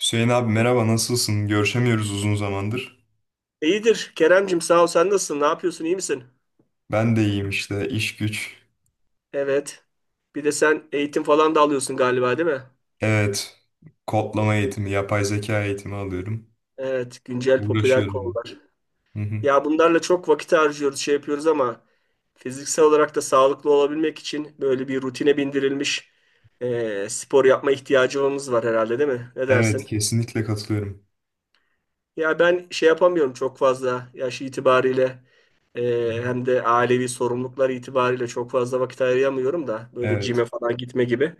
Hüseyin abi merhaba, nasılsın? Görüşemiyoruz uzun zamandır. İyidir Keremcim, sağ ol, sen nasılsın? Ne yapıyorsun? İyi misin? Ben de iyiyim işte iş güç. Evet. Bir de sen eğitim falan da alıyorsun galiba, değil mi? Evet, kodlama eğitimi, yapay zeka eğitimi alıyorum. Evet, güncel popüler Uğraşıyorum. konular. Hı hı. Ya bunlarla çok vakit harcıyoruz, şey yapıyoruz ama fiziksel olarak da sağlıklı olabilmek için böyle bir rutine bindirilmiş spor yapma ihtiyacımız var herhalde, değil mi? Ne Evet, dersin? kesinlikle katılıyorum. Ya ben şey yapamıyorum, çok fazla yaş itibariyle Hı e, hı. hem de ailevi sorumluluklar itibariyle çok fazla vakit ayıramıyorum da böyle Evet. cime falan gitme gibi.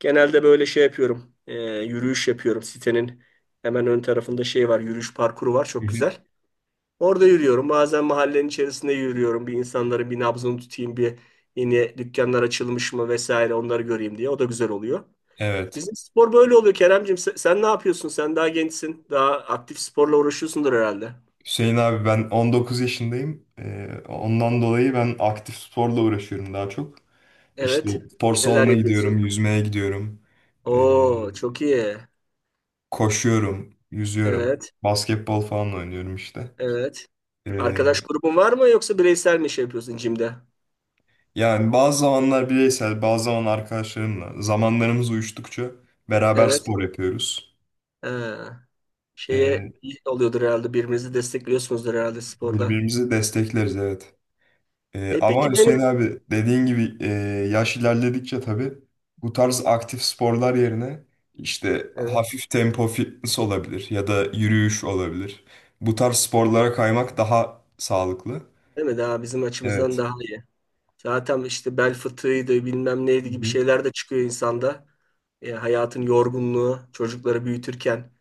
Genelde böyle şey yapıyorum. Yürüyüş yapıyorum. Sitenin hemen ön tarafında şey var. Yürüyüş parkuru var. Hı Çok hı. güzel. Orada yürüyorum. Bazen mahallenin içerisinde yürüyorum. Bir insanların bir nabzını tutayım. Bir yeni dükkanlar açılmış mı vesaire onları göreyim diye. O da güzel oluyor. Evet. Bizim spor böyle oluyor Keremcim. Sen ne yapıyorsun? Sen daha gençsin. Daha aktif sporla uğraşıyorsundur herhalde. Hüseyin abi, ben 19 yaşındayım. Ondan dolayı ben aktif sporla uğraşıyorum daha çok. İşte Evet. spor Neler salonuna gidiyorum, yapıyorsun? yüzmeye gidiyorum. Ee, Oo, çok iyi. Koşuyorum, yüzüyorum. Evet. Basketbol falan oynuyorum işte. Evet. Ee, Arkadaş grubun var mı yoksa bireysel mi şey yapıyorsun jimde? Yani bazı zamanlar bireysel, bazı zaman arkadaşlarımla, zamanlarımız uyuştukça beraber Evet. spor yapıyoruz. Ee, Şeye Ee, iyi oluyordur herhalde. Birbirinizi destekliyorsunuzdur herhalde sporda. Birbirimizi destekleriz, evet. E Ama peki Hüseyin benim, abi, dediğin gibi, yaş ilerledikçe tabii bu tarz aktif sporlar yerine işte evet, hafif tempo fitness olabilir ya da yürüyüş olabilir. Bu tarz sporlara kaymak daha sağlıklı. değil mi, daha bizim açımızdan Evet. daha iyi. Zaten işte bel fıtığıydı bilmem Hı neydi gibi hı. şeyler de çıkıyor insanda. Hayatın yorgunluğu çocukları büyütürken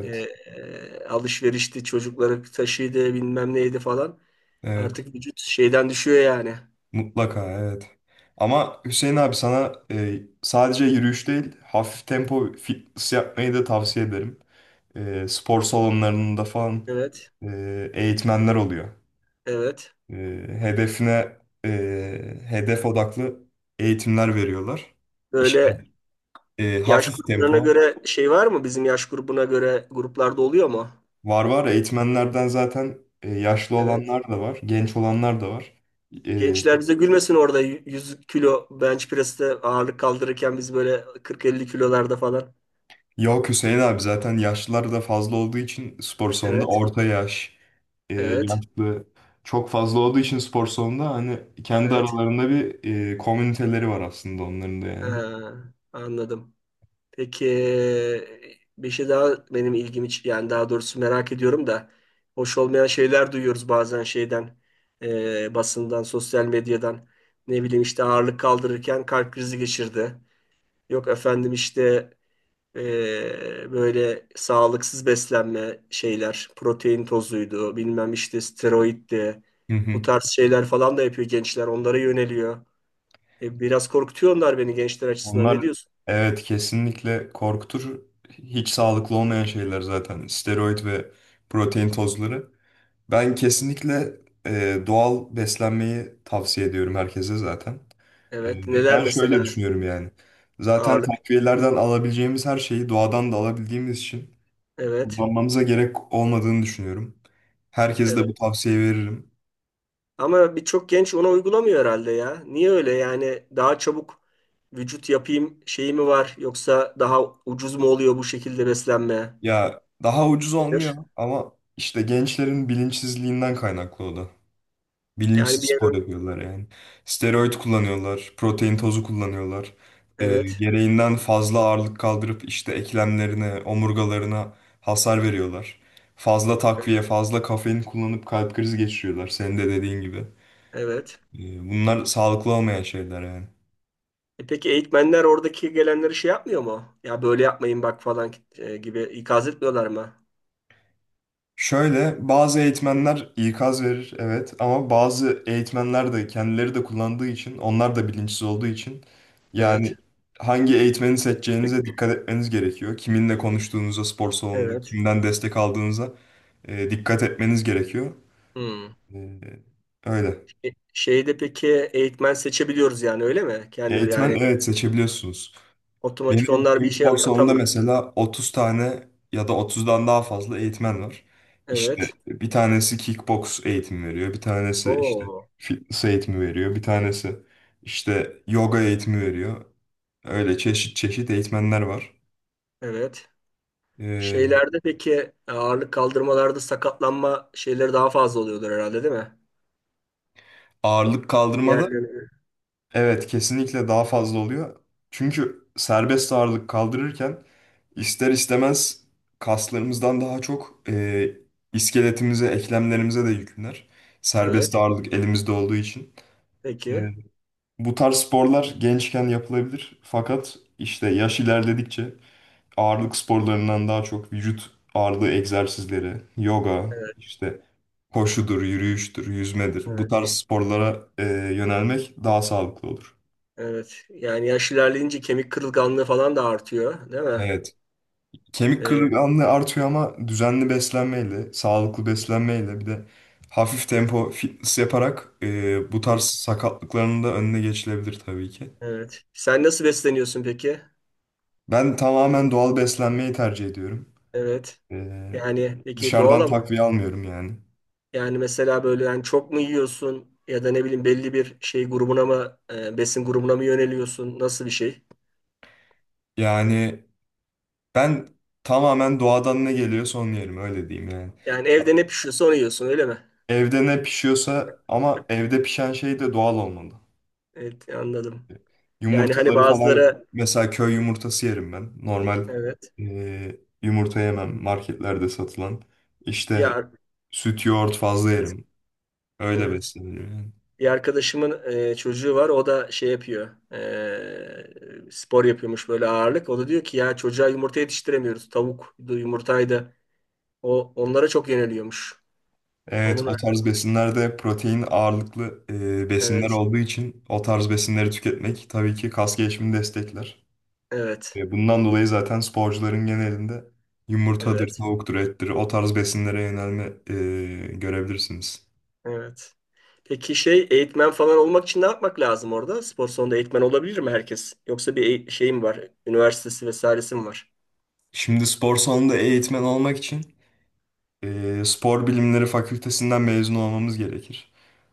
alışverişti çocukları taşıydı bilmem neydi falan. Evet. Artık vücut şeyden düşüyor yani. Mutlaka, evet. Ama Hüseyin abi sana sadece yürüyüş değil, hafif tempo fitness yapmayı da tavsiye ederim. E, spor salonlarında falan Evet, eğitmenler oluyor. evet. E, hedefine e, hedef odaklı eğitimler veriyorlar. İşte Böyle yaş hafif gruplarına tempo göre şey var mı? Bizim yaş grubuna göre gruplarda oluyor mu? var var eğitmenlerden zaten, yaşlı Evet. olanlar da var, genç olanlar da var. E, Gençler bize gülmesin, orada 100 kilo bench press'te ağırlık kaldırırken biz böyle 40-50 kilolarda falan. yok Hüseyin abi, zaten yaşlılar da fazla olduğu için spor salonunda Evet, orta yaş. Evet, Yaşlı çok fazla olduğu için spor salonunda hani kendi evet. aralarında bir komüniteleri var aslında onların da, yani. Ha, anladım. Peki bir şey daha benim ilgimi yani daha doğrusu merak ediyorum da hoş olmayan şeyler duyuyoruz bazen şeyden, basından, sosyal medyadan. Ne bileyim işte ağırlık kaldırırken kalp krizi geçirdi. Yok efendim işte böyle sağlıksız beslenme şeyler, protein tozuydu, bilmem işte steroiddi. Hı Bu hı. tarz şeyler falan da yapıyor gençler, onlara yöneliyor. Biraz korkutuyor onlar beni gençler açısından. Ne Onlar, diyorsun? evet, kesinlikle korkutur. Hiç sağlıklı olmayan şeyler zaten. Steroid ve protein tozları. Ben kesinlikle doğal beslenmeyi tavsiye ediyorum herkese zaten. Evet, E, neler ben şöyle mesela düşünüyorum yani. Zaten ağırlık? takviyelerden alabileceğimiz her şeyi doğadan da alabildiğimiz için Evet, kullanmamıza gerek olmadığını düşünüyorum. Herkese de bu evet. tavsiyeyi veririm. Ama birçok genç ona uygulamıyor herhalde ya. Niye öyle? Yani daha çabuk vücut yapayım şeyi mi var yoksa daha ucuz mu oluyor bu şekilde beslenme? Ya daha ucuz Nedir? olmuyor ama işte gençlerin bilinçsizliğinden kaynaklı o da. Yani Bilinçsiz bir yer, spor yapıyorlar yani. Steroid kullanıyorlar, protein tozu kullanıyorlar. Evet. Gereğinden fazla ağırlık kaldırıp işte eklemlerine, omurgalarına hasar veriyorlar. Fazla takviye, fazla kafein kullanıp kalp krizi geçiriyorlar. Senin de dediğin gibi. Evet. Bunlar sağlıklı olmayan şeyler yani. E peki eğitmenler oradaki gelenleri şey yapmıyor mu? Ya böyle yapmayın bak falan gibi ikaz etmiyorlar mı? Şöyle bazı eğitmenler ikaz verir, evet, ama bazı eğitmenler de kendileri de kullandığı için, onlar da bilinçsiz olduğu için, yani Evet. hangi eğitmeni seçeceğinize dikkat etmeniz gerekiyor. Kiminle konuştuğunuza, spor salonunda Evet. kimden destek aldığınıza dikkat etmeniz gerekiyor. Hmm. E, öyle. E, Şeyde peki eğitmen seçebiliyoruz, yani öyle mi? Kendim Eğitmen, yani, evet, seçebiliyorsunuz. otomatik Benim onlar bir gittiğim işe spor salonunda atamıyor. mesela 30 tane ya da 30'dan daha fazla eğitmen var. İşte Evet. bir tanesi kickbox eğitimi veriyor, bir tanesi işte Oo. fitness eğitimi veriyor, bir tanesi işte yoga eğitimi veriyor. Öyle çeşit çeşit eğitmenler var. Evet. Ee, Şeylerde peki ağırlık kaldırmalarda sakatlanma şeyleri daha fazla oluyordur herhalde, değil mi? ağırlık kaldırmada Diğerleri. evet, kesinlikle daha fazla oluyor. Çünkü serbest ağırlık kaldırırken ister istemez kaslarımızdan daha çok iskeletimize, eklemlerimize de yüklenir. Serbest Evet. ağırlık elimizde olduğu için. E, Peki. bu tarz sporlar gençken yapılabilir. Fakat işte yaş ilerledikçe ağırlık sporlarından daha çok vücut ağırlığı egzersizleri, yoga, Evet. işte koşudur, yürüyüştür, yüzmedir. Bu Evet. tarz sporlara yönelmek daha sağlıklı olur. Evet. Yani yaş ilerleyince kemik kırılganlığı falan da artıyor, değil mi? Evet. Kemik E, kırılganlığı artıyor ama düzenli beslenmeyle, sağlıklı beslenmeyle, bir de hafif tempo fitness yaparak bu Hı, tarz sakatlıkların da önüne geçilebilir tabii ki. evet. Sen nasıl besleniyorsun peki? Ben tamamen doğal beslenmeyi tercih ediyorum. Evet. E, Yani peki doğal dışarıdan ama takviye almıyorum yani. yani mesela böyle yani çok mu yiyorsun ya da ne bileyim belli bir şey grubuna mı, besin grubuna mı yöneliyorsun? Nasıl bir şey? Yani ben tamamen doğadan ne geliyorsa onu yerim, öyle diyeyim yani. Yani evde ne pişiyorsa onu yiyorsun, öyle mi? Evde ne pişiyorsa, ama evde pişen şey de doğal olmalı. Evet, anladım. Yani hani Yumurtaları falan bazıları, mesela köy yumurtası yerim ben. Normal evet, e, yumurta yemem marketlerde satılan. bir İşte süt, yoğurt fazla evet, yerim. Öyle evet. besleniyorum, yani. Bir arkadaşımın çocuğu var, o da şey yapıyor, spor yapıyormuş böyle ağırlık. O da diyor ki ya çocuğa yumurta yetiştiremiyoruz. Tavuk yumurtaydı. O onlara çok yeniliyormuş. Evet, Onun, o tarz besinlerde protein ağırlıklı besinler evet. olduğu için o tarz besinleri tüketmek tabii ki kas gelişimini destekler. Hmm. Evet, Bundan dolayı zaten sporcuların genelinde yumurtadır, evet, tavuktur, ettir, o tarz besinlere yönelme görebilirsiniz. evet. Peki şey eğitmen falan olmak için ne yapmak lazım orada? Spor salonunda eğitmen olabilir mi herkes? Yoksa bir şey mi var? Üniversitesi vesairesi mi var? Şimdi spor salonunda eğitmen olmak için spor bilimleri fakültesinden mezun olmamız gerekir.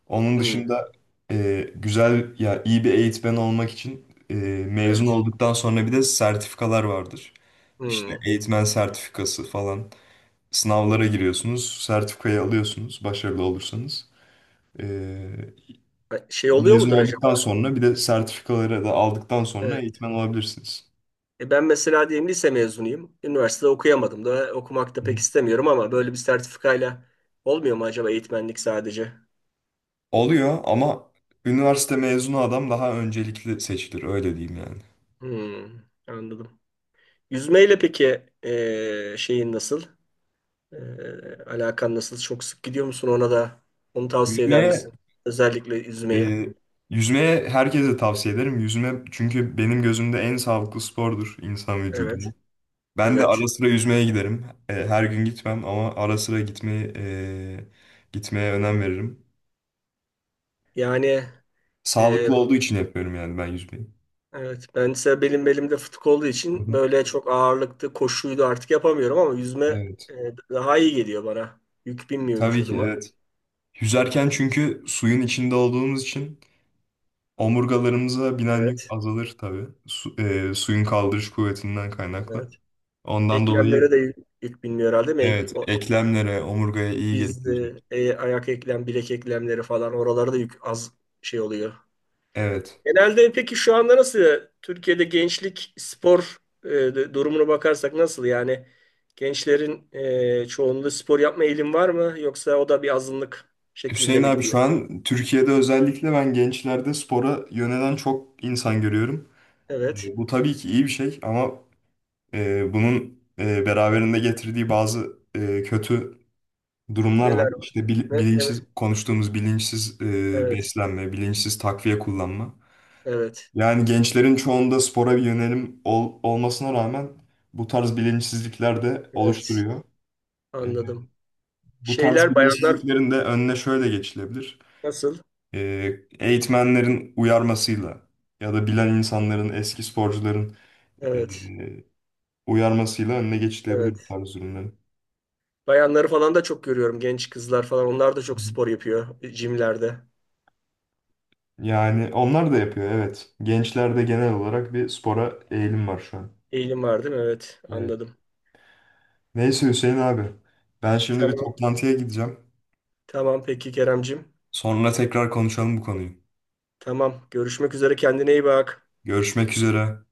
Onun Hmm, dışında güzel ya, iyi bir eğitmen olmak için mezun evet. olduktan sonra bir de sertifikalar vardır. İşte Hmm. eğitmen sertifikası falan. Sınavlara giriyorsunuz, sertifikayı alıyorsunuz başarılı olursanız. E, Şey oluyor mezun mudur acaba? olduktan sonra bir de sertifikaları da aldıktan sonra Evet. eğitmen olabilirsiniz. E ben mesela diyelim lise mezunuyum. Üniversitede okuyamadım da okumak da Hı pek hı. istemiyorum ama böyle bir sertifikayla olmuyor mu acaba eğitmenlik, sadece? Oluyor ama üniversite mezunu adam daha öncelikli seçilir, öyle diyeyim yani. Hmm, anladım. Yüzmeyle peki şeyin nasıl? Alakan nasıl? Çok sık gidiyor musun ona da? Onu tavsiye eder Yüzmeye misin? Özellikle yüzmeyi. Ee, yüzmeye herkese tavsiye ederim. Yüzme, çünkü benim gözümde en sağlıklı spordur insan vücuduna. Evet, Ben de evet. ara sıra yüzmeye giderim. Her gün gitmem ama ara sıra gitmeyi gitmeye önem veririm. Yani, e, Sağlıklı olduğu için yapıyorum yani ben yüzmeyi. evet. Ben ise belim belimde fıtık olduğu Hı için hı. böyle çok ağırlıklı koşuydu artık yapamıyorum, ama yüzme Evet. e, daha iyi geliyor bana. Yük binmiyor Tabii ki, vücuduma. evet. Yüzerken, çünkü suyun içinde olduğumuz için omurgalarımıza binen yük Evet, azalır tabii. Suyun kaldırış kuvvetinden kaynaklı. evet. Ondan dolayı, Eklemlere de yük binmiyor herhalde, değil mi? Evet, eklemlere, omurgaya iyi gelir Biz yüzme. de ayak eklem, bilek eklemleri falan oralarda yük az şey oluyor. Evet. Genelde peki şu anda nasıl Türkiye'de gençlik spor, durumuna bakarsak nasıl, yani gençlerin çoğunluğu spor yapma eğilim var mı yoksa o da bir azınlık şeklinde Hüseyin mi abi, şu gidiyor? an Türkiye'de özellikle ben gençlerde spora yönelen çok insan görüyorum. Evet. E, bu tabii ki iyi bir şey, ama bunun beraberinde getirdiği bazı kötü durumlar var. Neler var? İşte Ne, ne bilinçsiz mi? konuştuğumuz, bilinçsiz Evet. beslenme, bilinçsiz takviye kullanma. Evet. Yani gençlerin çoğunda spora bir yönelim olmasına rağmen bu tarz bilinçsizlikler de Evet. oluşturuyor. E, Anladım. Bu tarz Şeyler bayanlar bilinçsizliklerin de önüne şöyle geçilebilir: nasıl? e, eğitmenlerin uyarmasıyla ya da bilen insanların, eski sporcuların Evet. e, uyarmasıyla önüne geçilebilir bu Evet. tarz ürünlerin. Bayanları falan da çok görüyorum. Genç kızlar falan onlar da Hı çok hı. spor yapıyor jimlerde. Yani onlar da yapıyor, evet. Gençlerde genel olarak bir spora eğilim var şu an. Eğilim var, değil mi? Evet. Evet. Anladım. Neyse Hüseyin abi, ben şimdi bir Tamam. toplantıya gideceğim. Tamam peki Keremcim. Sonra tekrar konuşalım bu konuyu. Tamam. Görüşmek üzere. Kendine iyi bak. Görüşmek üzere.